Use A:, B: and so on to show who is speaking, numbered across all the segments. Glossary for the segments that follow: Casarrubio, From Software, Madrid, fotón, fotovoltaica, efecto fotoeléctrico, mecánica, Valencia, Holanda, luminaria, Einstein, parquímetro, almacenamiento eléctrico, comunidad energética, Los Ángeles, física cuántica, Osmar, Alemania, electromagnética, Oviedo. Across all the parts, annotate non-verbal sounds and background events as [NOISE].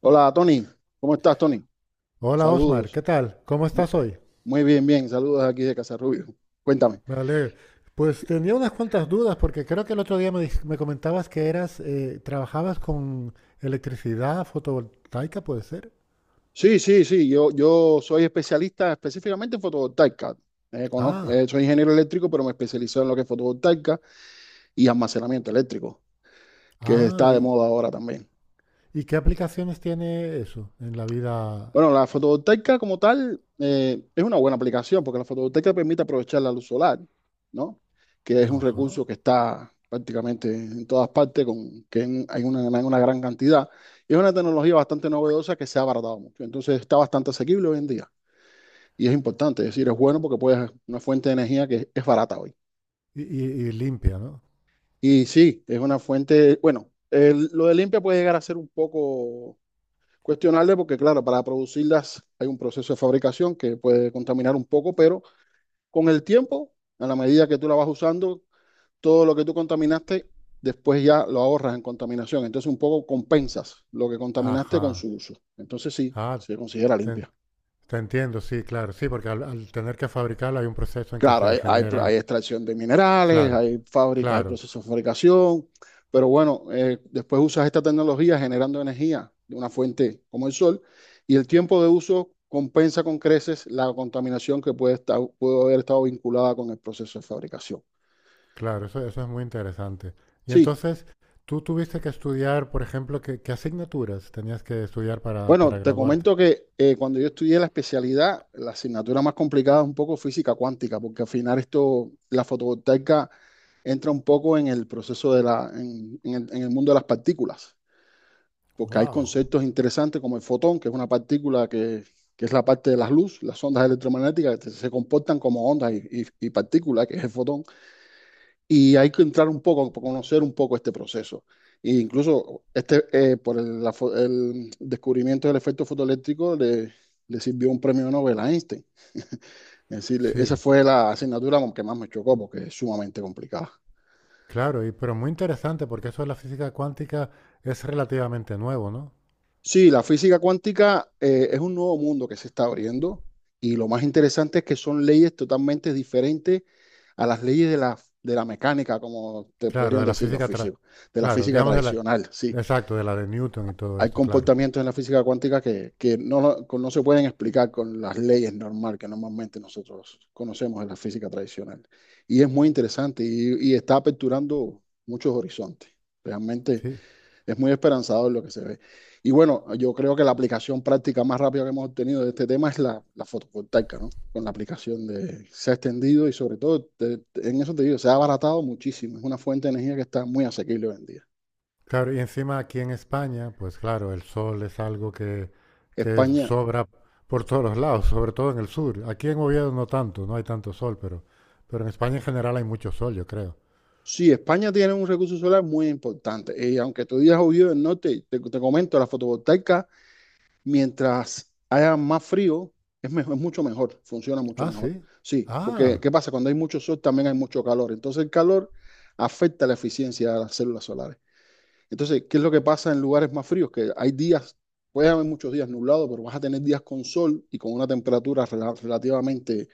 A: Hola, Tony. ¿Cómo estás, Tony?
B: Hola Osmar,
A: Saludos.
B: ¿qué tal? ¿Cómo estás hoy?
A: Muy bien, bien. Saludos aquí de Casarrubio. Cuéntame.
B: Vale, pues tenía unas cuantas dudas porque creo que el otro día me comentabas que eras, trabajabas con electricidad fotovoltaica, ¿puede ser?
A: Sí, sí, sí. Yo soy especialista específicamente en fotovoltaica.
B: Ah,
A: Soy ingeniero eléctrico, pero me especializo en lo que es fotovoltaica y almacenamiento eléctrico, que
B: ah,
A: está de
B: ¿y,
A: moda ahora también.
B: y qué aplicaciones tiene eso en la vida?
A: Bueno, la fotovoltaica como tal es una buena aplicación porque la fotovoltaica permite aprovechar la luz solar, ¿no? Que es un
B: Ajá.
A: recurso que está prácticamente en todas partes, hay en una gran cantidad. Y es una tecnología bastante novedosa que se ha abaratado mucho. Entonces está bastante asequible hoy en día. Y es importante, es decir, es bueno porque puedes una fuente de energía que es barata hoy.
B: Y limpia, ¿no?
A: Y sí, es una fuente, bueno, lo de limpia puede llegar a ser un poco cuestionarle porque, claro, para producirlas hay un proceso de fabricación que puede contaminar un poco, pero con el tiempo, a la medida que tú la vas usando, todo lo que tú contaminaste, después ya lo ahorras en contaminación. Entonces un poco compensas lo que contaminaste con
B: Ajá.
A: su uso. Entonces sí,
B: Ah,
A: se considera
B: te,
A: limpia.
B: te entiendo, sí, claro, sí, porque al, al tener que fabricarla hay un proceso en que
A: Claro,
B: se generan,
A: hay extracción de minerales,
B: claro,
A: hay fábricas, hay
B: claro.
A: procesos de fabricación, pero bueno, después usas esta tecnología generando energía de una fuente como el sol y el tiempo de uso compensa con creces la contaminación que puede estar, pudo haber estado vinculada con el proceso de fabricación.
B: Claro, eso es muy interesante. Y
A: Sí,
B: entonces, tú tuviste que estudiar, por ejemplo, ¿qué, qué asignaturas tenías que estudiar
A: bueno,
B: para
A: te
B: graduarte?
A: comento que cuando yo estudié la especialidad, la asignatura más complicada es un poco física cuántica, porque al final esto, la fotovoltaica entra un poco en el proceso de la, en el mundo de las partículas. Porque hay
B: Wow.
A: conceptos interesantes como el fotón, que es una partícula que es la parte de las luz, las ondas electromagnéticas que se comportan como ondas y partículas, que es el fotón, y hay que entrar un poco, conocer un poco este proceso. E incluso este, por el descubrimiento del efecto fotoeléctrico le, le sirvió un premio Nobel a Einstein. Es decir, esa
B: Sí,
A: fue la asignatura que más me chocó porque es sumamente complicada.
B: claro, y, pero muy interesante porque eso de la física cuántica es relativamente nuevo, ¿no?
A: Sí, la física cuántica es un nuevo mundo que se está abriendo y lo más interesante es que son leyes totalmente diferentes a las leyes de la mecánica, como te
B: Claro,
A: podrían
B: de la
A: decir los
B: física, tra-
A: físicos, de la
B: claro,
A: física
B: digamos de la,
A: tradicional. Sí,
B: exacto, de la de Newton y todo
A: hay
B: esto, claro.
A: comportamientos en la física cuántica que no, no se pueden explicar con las leyes normal que normalmente nosotros conocemos en la física tradicional. Y es muy interesante y está aperturando muchos horizontes. Realmente
B: Sí.
A: es muy esperanzador lo que se ve. Y bueno, yo creo que la aplicación práctica más rápida que hemos obtenido de este tema es la, la fotovoltaica, ¿no? Con la aplicación de, se ha extendido y sobre todo, en eso te digo, se ha abaratado muchísimo. Es una fuente de energía que está muy asequible hoy en día.
B: Claro, y encima aquí en España, pues claro, el sol es algo que
A: España,
B: sobra por todos los lados, sobre todo en el sur. Aquí en Oviedo no tanto, no hay tanto sol, pero en España en general hay mucho sol, yo creo.
A: sí, España tiene un recurso solar muy importante. Y aunque tú digas obvio, no te comento, la fotovoltaica mientras haya más frío, es, mejor, es mucho mejor, funciona mucho
B: Ah,
A: mejor.
B: sí.
A: Sí, porque
B: Ah,
A: ¿qué pasa? Cuando hay mucho sol también hay mucho calor. Entonces el calor afecta la eficiencia de las células solares. Entonces, ¿qué es lo que pasa en lugares más fríos? Que hay días, puede haber muchos días nublados, pero vas a tener días con sol y con una temperatura relativamente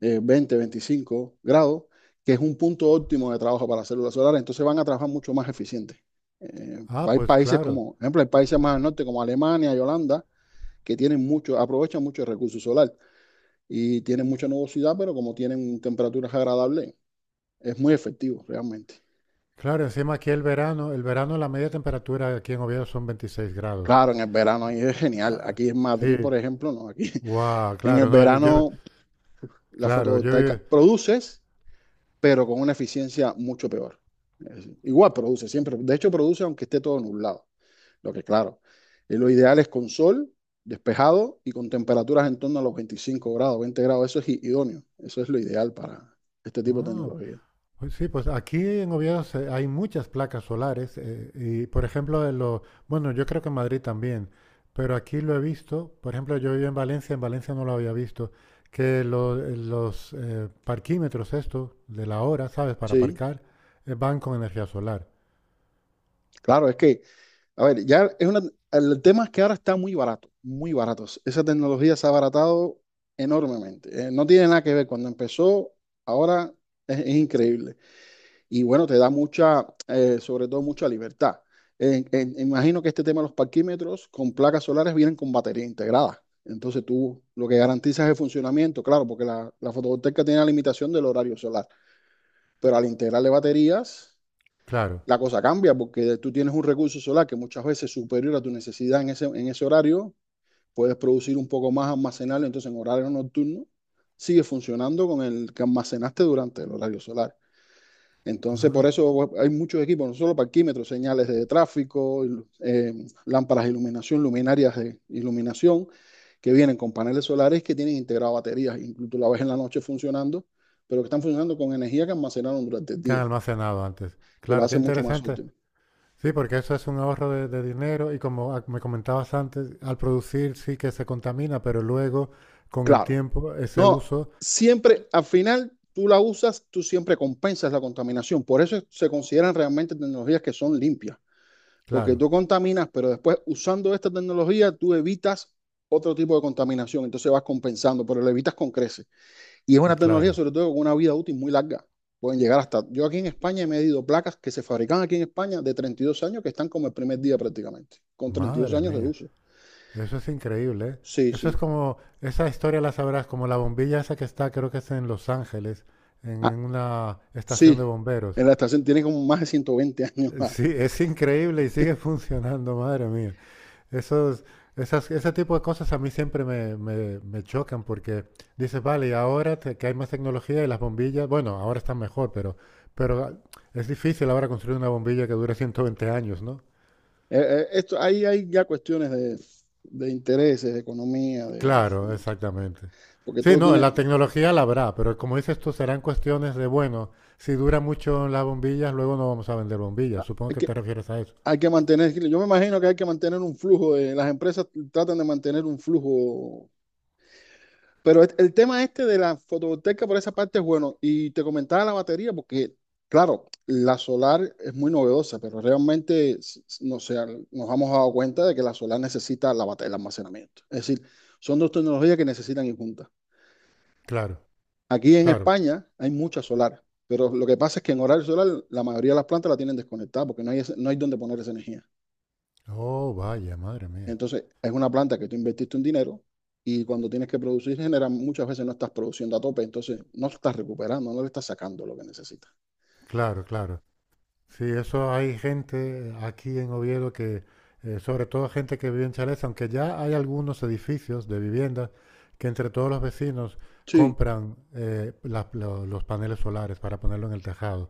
A: 20, 25 grados, que es un punto óptimo de trabajo para las células solares. Entonces van a trabajar mucho más eficientes.
B: ah,
A: Hay
B: pues
A: países
B: claro.
A: como, por ejemplo, hay países más al norte como Alemania y Holanda, que tienen mucho, aprovechan mucho el recurso solar y tienen mucha nubosidad, pero como tienen temperaturas agradables, es muy efectivo realmente.
B: Claro, encima aquí el verano la media temperatura aquí en Oviedo son 26 grados.
A: Claro, en el verano ahí es genial.
B: Ah,
A: Aquí en Madrid,
B: sí,
A: por ejemplo, no, aquí
B: wow,
A: [LAUGHS] en el
B: claro, no, yo,
A: verano la
B: claro, yo,
A: fotovoltaica
B: vivo-
A: produces, pero con una eficiencia mucho peor. Es- decir, igual produce, siempre. De hecho, produce aunque esté todo nublado. Lo que claro, lo ideal es con sol, despejado y con temperaturas en torno a los 25 grados, 20 grados. Eso es i- idóneo. Eso es lo ideal para este tipo de
B: Ah,
A: tecnología.
B: pues sí, pues aquí en Oviedo se- hay muchas placas solares y, por ejemplo, en lo, bueno, yo creo que en Madrid también, pero aquí lo he visto, por ejemplo, yo vivo en Valencia no lo había visto, que lo- los parquímetros estos de la hora, ¿sabes? Para
A: Sí.
B: aparcar, van con energía solar.
A: Claro, es que, a ver, ya es una, el tema es que ahora está muy barato, muy barato. Esa tecnología se ha abaratado enormemente. No tiene nada que ver. Cuando empezó, ahora es increíble. Y bueno, te da mucha, sobre todo mucha libertad. Imagino que este tema de los parquímetros con placas solares vienen con batería integrada. Entonces tú lo que garantizas es el funcionamiento, claro, porque la fotovoltaica tiene la limitación del horario solar, pero al integrarle baterías
B: Claro.
A: la cosa cambia porque tú tienes un recurso solar que muchas veces es superior a tu necesidad en ese horario, puedes producir un poco más, almacenarlo, entonces en horario nocturno sigue funcionando con el que almacenaste durante el horario solar. Entonces, por
B: Ah,
A: eso hay muchos equipos, no solo parquímetros, señales de tráfico, eh, lámparas de iluminación, luminarias de iluminación, que vienen con paneles solares que tienen integrado baterías, incluso la ves en la noche funcionando, pero que están funcionando con energía que almacenaron durante el
B: que han
A: día,
B: almacenado antes.
A: que lo
B: Claro, qué
A: hace mucho más
B: interesante.
A: útil.
B: Sí, porque eso es un ahorro de dinero y como me comentabas antes, al producir sí que se contamina, pero luego con el
A: Claro,
B: tiempo ese
A: no,
B: uso
A: siempre, al final, tú la usas, tú siempre compensas la contaminación. Por eso se consideran realmente tecnologías que son limpias, porque
B: claro,
A: tú contaminas, pero después usando esta tecnología, tú evitas otro tipo de contaminación, entonces vas compensando, pero lo evitas con creces. Y es
B: y
A: una tecnología,
B: claro.
A: sobre todo, con una vida útil muy larga. Pueden llegar hasta... Yo aquí en España he medido placas que se fabrican aquí en España de 32 años, que están como el primer día prácticamente, con 32
B: Madre
A: años de
B: mía,
A: uso.
B: eso es increíble, ¿eh?
A: Sí,
B: Eso es
A: sí.
B: como, esa historia la sabrás, como la bombilla esa que está, creo que es en Los Ángeles,
A: Ah,
B: en una estación
A: sí,
B: de bomberos.
A: en la estación tiene como más de 120 años. Más.
B: Sí, es increíble y sigue [LAUGHS] funcionando, madre mía. Esos, esas, ese tipo de cosas a mí siempre me, me, me chocan porque dices, vale, y ahora te- que hay más tecnología y las bombillas, bueno, ahora están mejor, pero, pero es difícil ahora construir una bombilla que dure 120 años, ¿no?
A: Esto, ahí hay ya cuestiones de intereses, de economía, de,
B: Claro, exactamente.
A: porque
B: Sí,
A: todo
B: no,
A: tiene,
B: la tecnología la habrá, pero como dices tú, serán cuestiones de, bueno, si dura mucho las bombillas, luego no vamos a vender bombillas. Supongo
A: hay
B: que
A: que,
B: te refieres a eso.
A: hay que mantener, yo me imagino que hay que mantener un flujo, de, las empresas tratan de mantener un flujo, pero el tema este de la fotovoltaica por esa parte es bueno, y te comentaba la batería, porque claro, la solar es muy novedosa, pero realmente no sé, nos hemos dado cuenta de que la solar necesita el almacenamiento, es decir, son dos tecnologías que necesitan ir juntas.
B: Claro,
A: Aquí en
B: claro.
A: España hay muchas solares, pero lo que pasa es que en horario solar la mayoría de las plantas la tienen desconectada porque no hay, no hay donde poner esa energía.
B: Oh, vaya, madre mía.
A: Entonces, es una planta que tú invertiste un dinero y cuando tienes que producir, genera muchas veces no estás produciendo a tope, entonces no estás recuperando, no le estás sacando lo que necesitas.
B: Claro, claro. Sí, eso hay gente aquí en Oviedo que, sobre todo gente que vive en chalés, aunque ya hay algunos edificios de viviendas que entre todos los vecinos
A: Sí,
B: compran la- lo- los paneles solares para ponerlo en el tejado.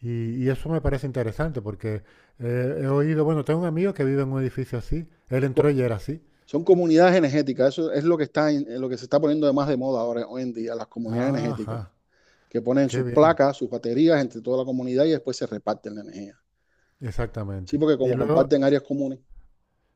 B: Y eso me parece interesante porque he oído, bueno, tengo un amigo que vive en un edificio así, él entró
A: co-
B: y era así.
A: son comunidades energéticas, eso es lo que está en lo que se está poniendo de más de moda ahora hoy en día, las comunidades energéticas,
B: Ajá,
A: que ponen
B: qué
A: sus
B: bien,
A: placas, sus baterías entre toda la comunidad y después se reparten la energía. Sí,
B: exactamente.
A: porque
B: Y
A: como
B: luego,
A: comparten áreas comunes.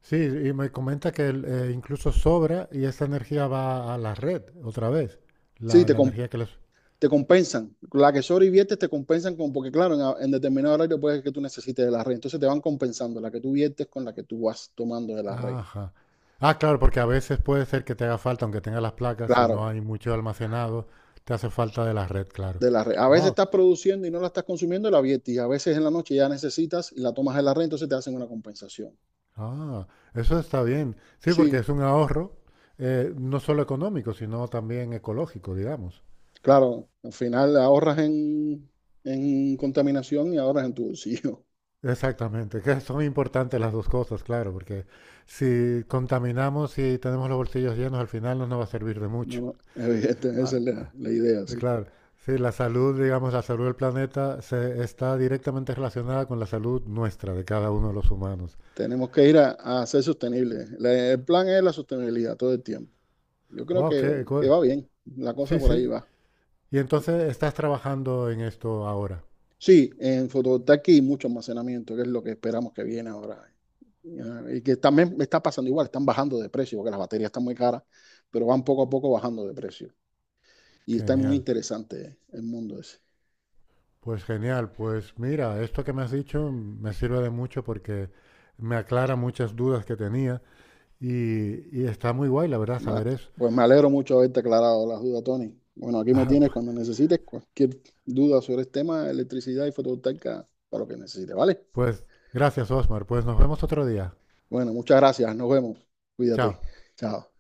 B: sí, y me comenta que el- incluso sobra y esa energía va a la red otra vez,
A: Sí,
B: la, la energía que les...
A: te compensan. La que sobreviertes te compensan con, porque claro, en determinado horario puede que tú necesites de la red. Entonces te van compensando la que tú viertes con la que tú vas tomando de la red.
B: Ajá. Ah, claro, porque a veces puede ser que te haga falta, aunque tengas las placas, si no
A: Claro,
B: hay mucho almacenado, te hace falta de la red, claro.
A: de la red. A veces
B: Wow.
A: estás produciendo y no la estás consumiendo, la viertes. Y a veces en la noche ya necesitas y la tomas de la red, entonces te hacen una compensación.
B: Ah, eso está bien. Sí, porque
A: Sí,
B: es un ahorro no solo económico, sino también ecológico, digamos.
A: claro, al final ahorras en contaminación y ahorras en tu bolsillo. [LAUGHS]
B: Exactamente, que son importantes las dos cosas, claro, porque si contaminamos y tenemos los bolsillos llenos, al final no nos va a servir de mucho.
A: No, no, evidente, esa
B: Ah,
A: es la, la idea, sí.
B: claro, sí, la salud, digamos, la salud del planeta se está directamente relacionada con la salud nuestra, de cada uno de los humanos.
A: Tenemos que ir a, A ser sostenibles. El plan es la sostenibilidad todo el tiempo. Yo creo
B: Wow, qué,
A: que
B: cu-
A: va bien, la cosa
B: sí,
A: por ahí
B: sí.
A: va.
B: Y entonces estás trabajando en esto ahora.
A: Sí, en fotovoltaica hay mucho almacenamiento, que es lo que esperamos que viene ahora. Ya, y que también me está pasando igual, están bajando de precio, porque las baterías están muy caras, pero van poco a poco bajando de precio. Y está muy
B: Genial.
A: interesante el mundo ese.
B: Pues genial, pues mira, esto que me has dicho me sirve de mucho porque me aclara muchas dudas que tenía y está muy guay, la verdad,
A: Ma-
B: saber eso.
A: Pues me alegro mucho de haberte aclarado las dudas, Tony. Bueno, aquí me tienes cuando
B: [LAUGHS]
A: necesites cualquier duda sobre el tema de electricidad y fotovoltaica, para lo que necesites, ¿vale?
B: Pues pues gracias, Osmar, pues nos vemos otro día.
A: Bueno, muchas gracias, nos vemos. Cuídate.
B: Chao.
A: Chao.